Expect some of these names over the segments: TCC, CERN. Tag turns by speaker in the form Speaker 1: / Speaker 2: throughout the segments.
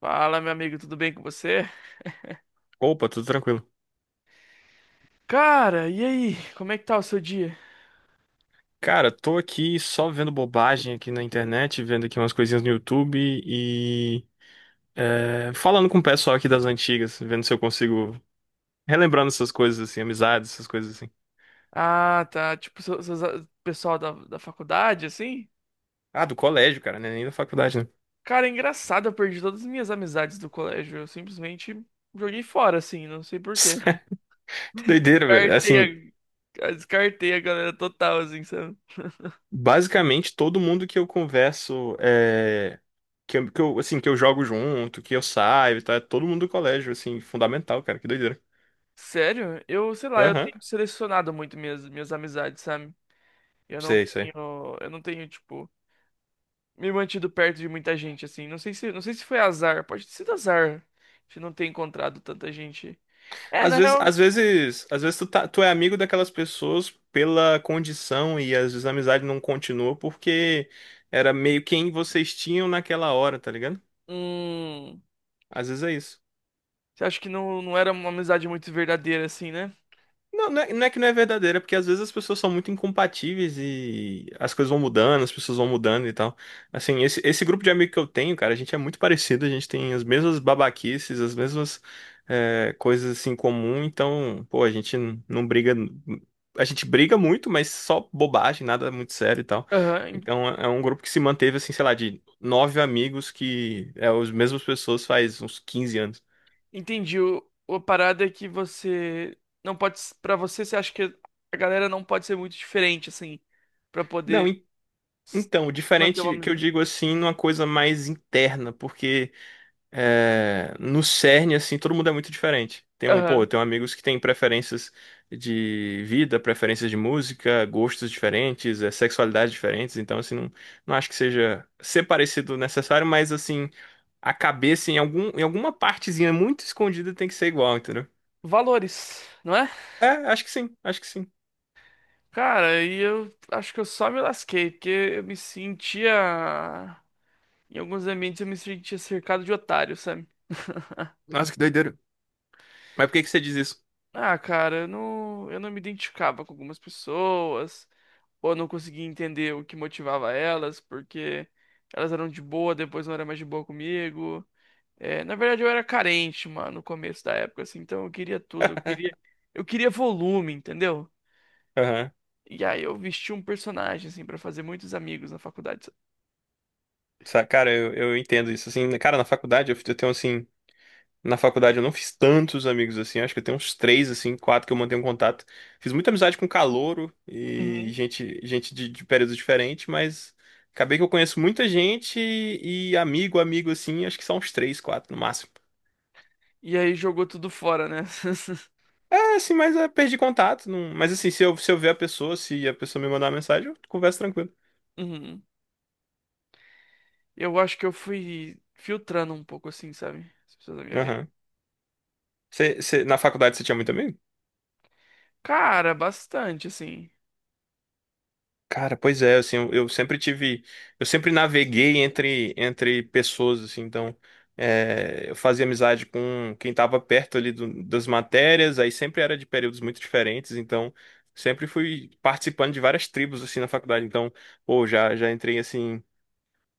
Speaker 1: Fala, meu amigo, tudo bem com você?
Speaker 2: Opa, tudo tranquilo.
Speaker 1: Cara, e aí? Como é que tá o seu dia?
Speaker 2: Cara, tô aqui só vendo bobagem aqui na internet, vendo aqui umas coisinhas no YouTube e falando com o pessoal aqui das antigas, vendo se eu consigo relembrando essas coisas assim, amizades, essas coisas assim.
Speaker 1: Ah, tá. Tipo, pessoal da faculdade, assim?
Speaker 2: Ah, do colégio, cara, né? Nem da faculdade, né?
Speaker 1: Cara, é engraçado, eu perdi todas as minhas amizades do colégio. Eu simplesmente joguei fora, assim, não sei por quê.
Speaker 2: Que doideira, velho. Assim,
Speaker 1: Descartei descartei a galera total, assim, sabe?
Speaker 2: basicamente todo mundo que eu converso que eu, assim, que eu jogo junto, que eu saio e tal, é todo mundo do colégio, assim, fundamental, cara, que doideira.
Speaker 1: Sério? Eu, sei lá, eu
Speaker 2: Aham,
Speaker 1: tenho selecionado muito minhas amizades, sabe?
Speaker 2: sei, sei.
Speaker 1: Eu não tenho, tipo, me mantido perto de muita gente, assim. Não sei se foi azar, pode ter sido azar de não ter encontrado tanta gente. É,
Speaker 2: Às
Speaker 1: na
Speaker 2: vezes,
Speaker 1: real,
Speaker 2: às vezes, às vezes tu é amigo daquelas pessoas pela condição e às vezes a amizade não continua porque era meio quem vocês tinham naquela hora, tá ligado?
Speaker 1: hum,
Speaker 2: Às vezes é isso.
Speaker 1: você acha que não era uma amizade muito verdadeira, assim, né?
Speaker 2: Não, não é que não é verdadeira, é porque às vezes as pessoas são muito incompatíveis e as coisas vão mudando, as pessoas vão mudando e tal. Assim, esse grupo de amigo que eu tenho, cara, a gente é muito parecido, a gente tem as mesmas babaquices, as mesmas coisas assim em comum, então, pô, não briga. A gente briga muito, mas só bobagem, nada muito sério e tal.
Speaker 1: Aham,
Speaker 2: Então é um grupo que se manteve, assim, sei lá, de 9 amigos que é as mesmas pessoas faz uns 15 anos.
Speaker 1: entendi. A parada é que você não pode, pra você, você acha que a galera não pode ser muito diferente, assim, pra
Speaker 2: Não,
Speaker 1: poder s-
Speaker 2: então,
Speaker 1: manter uma
Speaker 2: diferente que eu
Speaker 1: amizade.
Speaker 2: digo assim, numa coisa mais interna, porque no CERN, assim, todo mundo é muito diferente. Tem um, pô, eu
Speaker 1: Aham.
Speaker 2: tenho amigos que têm preferências de vida, preferências de música, gostos diferentes, sexualidades diferentes, então, assim, não, não acho que seja ser parecido necessário, mas, assim, a cabeça em alguma partezinha muito escondida tem que ser igual, entendeu?
Speaker 1: Valores, não é?
Speaker 2: É, acho que sim, acho que sim.
Speaker 1: Cara, e eu acho que eu só me lasquei, porque eu me sentia. Em alguns ambientes eu me sentia cercado de otários, sabe?
Speaker 2: Nossa, que doideira. Mas por que que você diz isso?
Speaker 1: Ah, cara, eu não me identificava com algumas pessoas, ou eu não conseguia entender o que motivava elas, porque elas eram de boa, depois não era mais de boa comigo. É, na verdade, eu era carente, mano, no começo da época, assim, então eu queria volume, entendeu?
Speaker 2: Aham.
Speaker 1: E aí eu vesti um personagem, assim, pra fazer muitos amigos na faculdade, sabe?
Speaker 2: Cara, eu entendo isso. Assim, cara, na faculdade eu tenho assim. Na faculdade eu não fiz tantos amigos assim, acho que eu tenho uns três, assim, quatro que eu mantenho contato. Fiz muita amizade com calouro e
Speaker 1: Uhum.
Speaker 2: gente, gente de períodos diferentes, mas acabei que eu conheço muita gente e amigo, amigo, assim, acho que são uns três, quatro no máximo.
Speaker 1: E aí jogou tudo fora, né?
Speaker 2: É, assim, mas é, perdi contato. Não, mas assim, se eu ver a pessoa, se a pessoa me mandar uma mensagem, eu converso tranquilo.
Speaker 1: Uhum. Eu acho que eu fui filtrando um pouco assim, sabe? As pessoas da minha vida.
Speaker 2: Aham. Na faculdade você tinha muito amigo?
Speaker 1: Cara, bastante, assim.
Speaker 2: Cara, pois é, assim, eu sempre tive, eu sempre naveguei entre pessoas, assim, então eu fazia amizade com quem estava perto ali das matérias, aí sempre era de períodos muito diferentes, então sempre fui participando de várias tribos assim na faculdade, então, pô, já entrei assim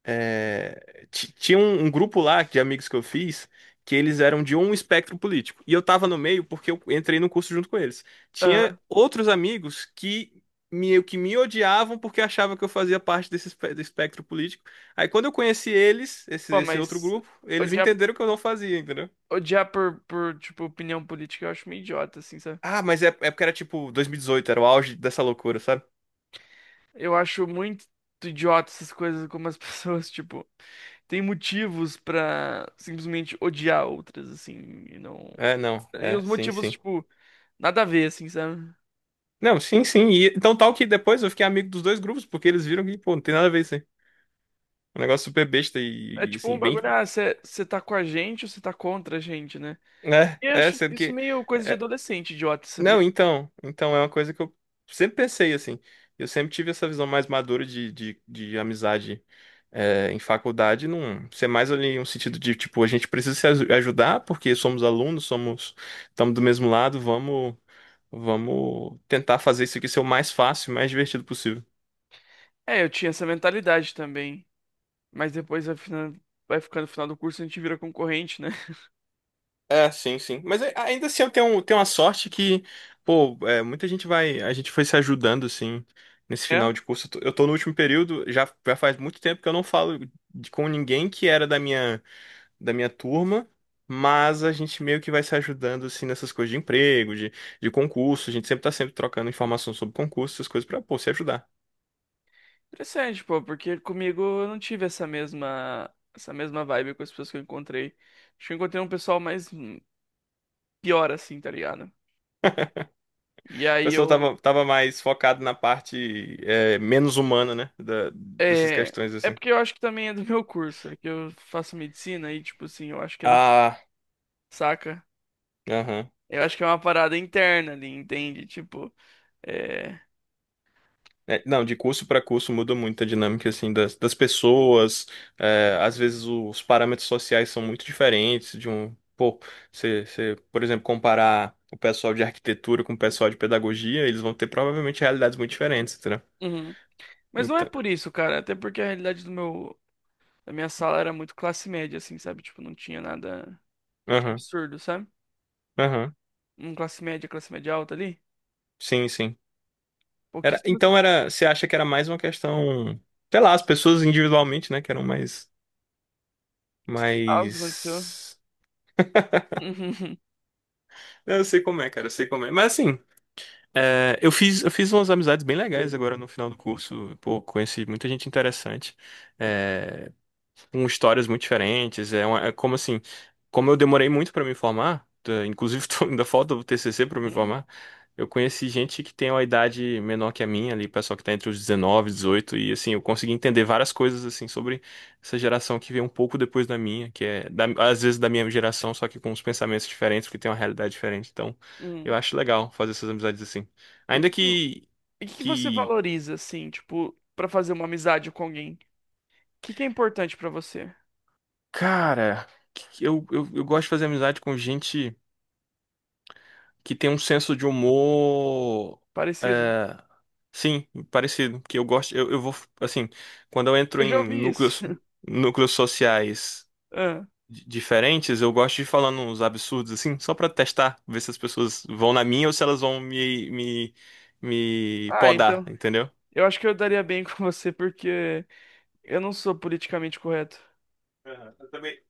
Speaker 2: tinha um, um grupo lá de amigos que eu fiz que eles eram de um espectro político. E eu tava no meio porque eu entrei no curso junto com eles. Tinha
Speaker 1: Aham.
Speaker 2: outros amigos que me odiavam porque achavam que eu fazia parte do espectro político. Aí quando eu conheci eles,
Speaker 1: Pô,
Speaker 2: esse outro
Speaker 1: mas
Speaker 2: grupo, eles
Speaker 1: odiar,
Speaker 2: entenderam que eu não fazia, entendeu?
Speaker 1: odiar tipo, opinião política eu acho meio idiota, assim, sabe?
Speaker 2: Ah, mas é porque era tipo 2018 era o auge dessa loucura, sabe?
Speaker 1: Eu acho muito idiota essas coisas, como as pessoas, tipo, têm motivos pra simplesmente odiar outras, assim, e não.
Speaker 2: É, não,
Speaker 1: E
Speaker 2: é,
Speaker 1: os
Speaker 2: sim,
Speaker 1: motivos,
Speaker 2: sim.
Speaker 1: tipo, nada a ver, assim, sabe?
Speaker 2: Não, sim, sim. E então, tal que depois eu fiquei amigo dos dois grupos, porque eles viram que, pô, não tem nada a ver isso aí. Um negócio super besta
Speaker 1: É tipo um
Speaker 2: assim, bem.
Speaker 1: bagulho, ah, você tá com a gente ou você tá contra a gente, né?
Speaker 2: Né?
Speaker 1: Eu
Speaker 2: É,
Speaker 1: acho
Speaker 2: sendo
Speaker 1: isso
Speaker 2: que.
Speaker 1: meio coisa de
Speaker 2: é-
Speaker 1: adolescente, idiota, sabia?
Speaker 2: Não, então. Então é uma coisa que eu sempre pensei, assim. Eu sempre tive essa visão mais madura de amizade em faculdade, num, ser mais ali um sentido de, tipo, a gente precisa se aju- ajudar, porque somos alunos, somos. Estamos do mesmo lado, vamos. Vamos tentar fazer isso aqui ser o mais fácil, mais divertido possível.
Speaker 1: É, eu tinha essa mentalidade também. Mas depois vai ficando, vai ficando no final do curso, a gente vira concorrente, né?
Speaker 2: É, sim, sim. Mas ainda assim eu tenho, tenho uma sorte que, pô, é, muita gente vai. A gente foi se ajudando, assim, nesse
Speaker 1: É
Speaker 2: final de curso. Eu tô no último período, já faz muito tempo que eu não falo com ninguém que era da minha turma, mas a gente meio que vai se ajudando, assim, nessas coisas de emprego, de concurso. A gente sempre tá sempre trocando informação sobre concurso, essas coisas pra, pô, se ajudar.
Speaker 1: interessante, pô, porque comigo eu não tive essa mesma vibe com as pessoas que eu encontrei. Acho que eu encontrei um pessoal mais pior assim, tá ligado? E
Speaker 2: O
Speaker 1: aí
Speaker 2: pessoal
Speaker 1: eu.
Speaker 2: tava mais focado na parte, é, menos humana, né? Dessas
Speaker 1: É,
Speaker 2: questões,
Speaker 1: é
Speaker 2: assim.
Speaker 1: porque eu acho que também é do meu curso, é que eu faço medicina e, tipo assim, eu acho que é do.
Speaker 2: Ah,
Speaker 1: Saca?
Speaker 2: aham.
Speaker 1: Eu acho que é uma parada interna ali, entende? Tipo. É.
Speaker 2: É, não, de curso para curso muda muito a dinâmica assim das pessoas. É, às vezes os parâmetros sociais são muito diferentes de um, pô, você, por exemplo, comparar o pessoal de arquitetura com o pessoal de pedagogia, eles vão ter provavelmente realidades muito diferentes, entendeu?
Speaker 1: Mas não é
Speaker 2: Então,
Speaker 1: por isso, cara. Até porque a realidade da minha sala era muito classe média, assim, sabe? Tipo, não tinha nada de
Speaker 2: aham,
Speaker 1: absurdo, sabe?
Speaker 2: aham,
Speaker 1: Um classe média alta ali.
Speaker 2: sim, sim. Era,
Speaker 1: Pouquíssimas.
Speaker 2: então era, você acha que era mais uma questão, sei lá, as pessoas individualmente, né, que eram mais,
Speaker 1: Sei lá o que aconteceu.
Speaker 2: mais. Eu sei como é, cara, eu sei como é. Mas assim, é, eu fiz umas amizades bem legais agora no final do curso. Pô, conheci muita gente interessante. É, com histórias muito diferentes. É, como assim, como eu demorei muito pra me formar, tá, inclusive ainda falta o TCC pra
Speaker 1: Uhum,
Speaker 2: me
Speaker 1: uhum,
Speaker 2: formar. Eu conheci gente que tem uma idade menor que a minha ali, pessoal que tá entre os 19, 18 e assim, eu consegui entender várias coisas assim sobre essa geração que veio um pouco depois da minha, que é às vezes da minha geração, só que com uns pensamentos diferentes, porque tem uma realidade diferente. Então, eu
Speaker 1: uhum.
Speaker 2: acho legal fazer essas amizades assim.
Speaker 1: E que
Speaker 2: Ainda
Speaker 1: que, e que você
Speaker 2: que
Speaker 1: valoriza, assim, tipo, pra fazer uma amizade com alguém? O que que é importante pra você?
Speaker 2: cara, que eu gosto de fazer amizade com gente que tem um senso de humor.
Speaker 1: Parecido?
Speaker 2: É, sim, parecido. Que eu gosto. Eu vou. Assim, quando eu entro
Speaker 1: Eu já
Speaker 2: em
Speaker 1: ouvi isso.
Speaker 2: núcleos sociais
Speaker 1: Ah,
Speaker 2: diferentes, eu gosto de ir falando uns absurdos, assim, só pra testar, ver se as pessoas vão na minha ou se elas vão me
Speaker 1: ah,
Speaker 2: podar,
Speaker 1: então.
Speaker 2: entendeu?
Speaker 1: Eu acho que eu daria bem com você porque eu não sou politicamente correto.
Speaker 2: Aham. Eu também.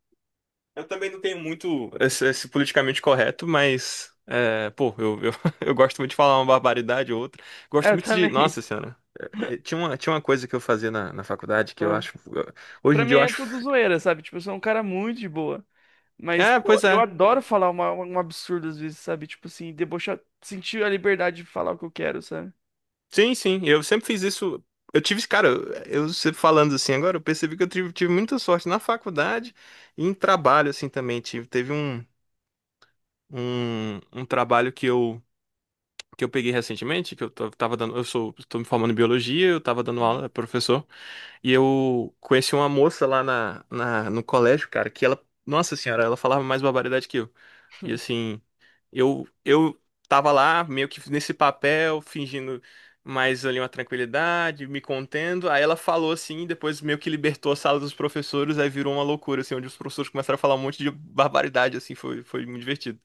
Speaker 2: Eu também não tenho muito esse politicamente correto, mas, é, pô, eu gosto muito de falar uma barbaridade ou outra.
Speaker 1: É,
Speaker 2: Gosto
Speaker 1: eu
Speaker 2: muito de.
Speaker 1: também.
Speaker 2: Nossa Senhora. Tinha uma coisa que eu fazia na faculdade que eu
Speaker 1: Ah.
Speaker 2: acho. Hoje
Speaker 1: Pra
Speaker 2: em
Speaker 1: mim
Speaker 2: dia eu
Speaker 1: é
Speaker 2: acho.
Speaker 1: tudo zoeira, sabe? Tipo, eu sou um cara muito de boa. Mas,
Speaker 2: É,
Speaker 1: pô,
Speaker 2: pois
Speaker 1: eu
Speaker 2: é.
Speaker 1: adoro falar um absurdo às vezes, sabe? Tipo assim, debochar, sentir a liberdade de falar o que eu quero, sabe?
Speaker 2: Sim, sim. Eu sempre fiz isso. Eu tive, cara, eu sempre falando assim agora, eu percebi que tive muita sorte na faculdade e em trabalho, assim, também. Teve um trabalho que eu. Que eu peguei recentemente, que eu tava dando, eu sou, tô me formando em biologia, eu tava dando
Speaker 1: Uhum.
Speaker 2: aula, professor, e eu conheci uma moça lá no colégio, cara, que ela, nossa senhora, ela falava mais barbaridade que eu. E assim, eu tava lá meio que nesse papel, fingindo mais ali uma tranquilidade, me contendo. Aí ela falou assim, e depois meio que libertou a sala dos professores, aí virou uma loucura, assim, onde os professores começaram a falar um monte de barbaridade, assim, foi muito divertido.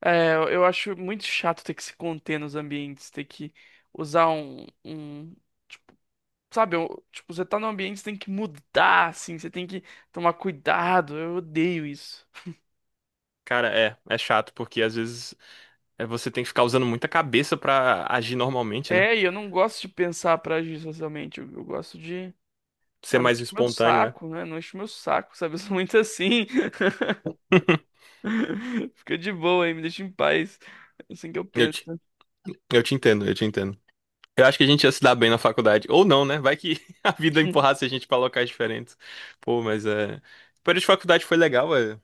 Speaker 1: É, eu acho muito chato ter que se conter nos ambientes, ter que usar tipo, sabe, tipo, você tá num ambiente, você tem que mudar, assim, você tem que tomar cuidado, eu odeio isso.
Speaker 2: Cara, é chato, porque às vezes é, você tem que ficar usando muita cabeça pra agir normalmente, né?
Speaker 1: É, e eu não gosto de pensar pra agir socialmente, eu gosto de,
Speaker 2: Ser
Speaker 1: ah, não
Speaker 2: mais
Speaker 1: enche meu
Speaker 2: espontâneo, né?
Speaker 1: saco, né, não enche meu saco, sabe, eu sou muito assim. Fica de boa aí, me deixa em paz. É assim que eu
Speaker 2: Eu
Speaker 1: penso.
Speaker 2: te, eu te entendo, eu te entendo. Eu acho que a gente ia se dar bem na faculdade. Ou não, né? Vai que a vida empurrasse a gente pra locais diferentes. Pô, mas é. O período de faculdade foi legal, é.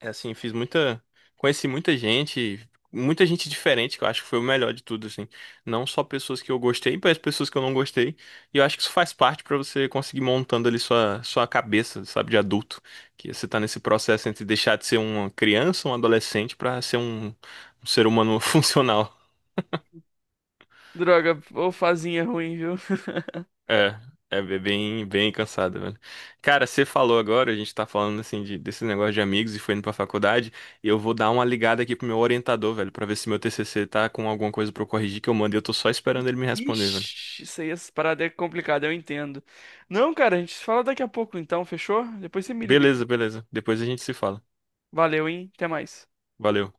Speaker 2: É assim, fiz muita. Conheci muita gente diferente, que eu acho que foi o melhor de tudo, assim. Não só pessoas que eu gostei, mas pessoas que eu não gostei. E eu acho que isso faz parte pra você conseguir montando ali sua, sua cabeça, sabe, de adulto. Que você tá nesse processo entre deixar de ser uma criança, um adolescente, pra ser um ser humano funcional.
Speaker 1: Droga, ou fazinha é ruim, viu?
Speaker 2: É, bem, bem cansado, velho. Cara, você falou agora, a gente tá falando assim de, desse negócio de amigos e foi indo pra faculdade, e eu vou dar uma ligada aqui pro meu orientador, velho, pra ver se meu TCC tá com alguma coisa pra eu corrigir que eu mandei, eu tô só esperando ele me responder, velho.
Speaker 1: Ixi, isso aí, essas paradas é complicada, eu entendo. Não, cara, a gente se fala daqui a pouco então, fechou? Depois você me liga.
Speaker 2: Beleza, beleza. Depois a gente se fala.
Speaker 1: Valeu, hein? Até mais.
Speaker 2: Valeu.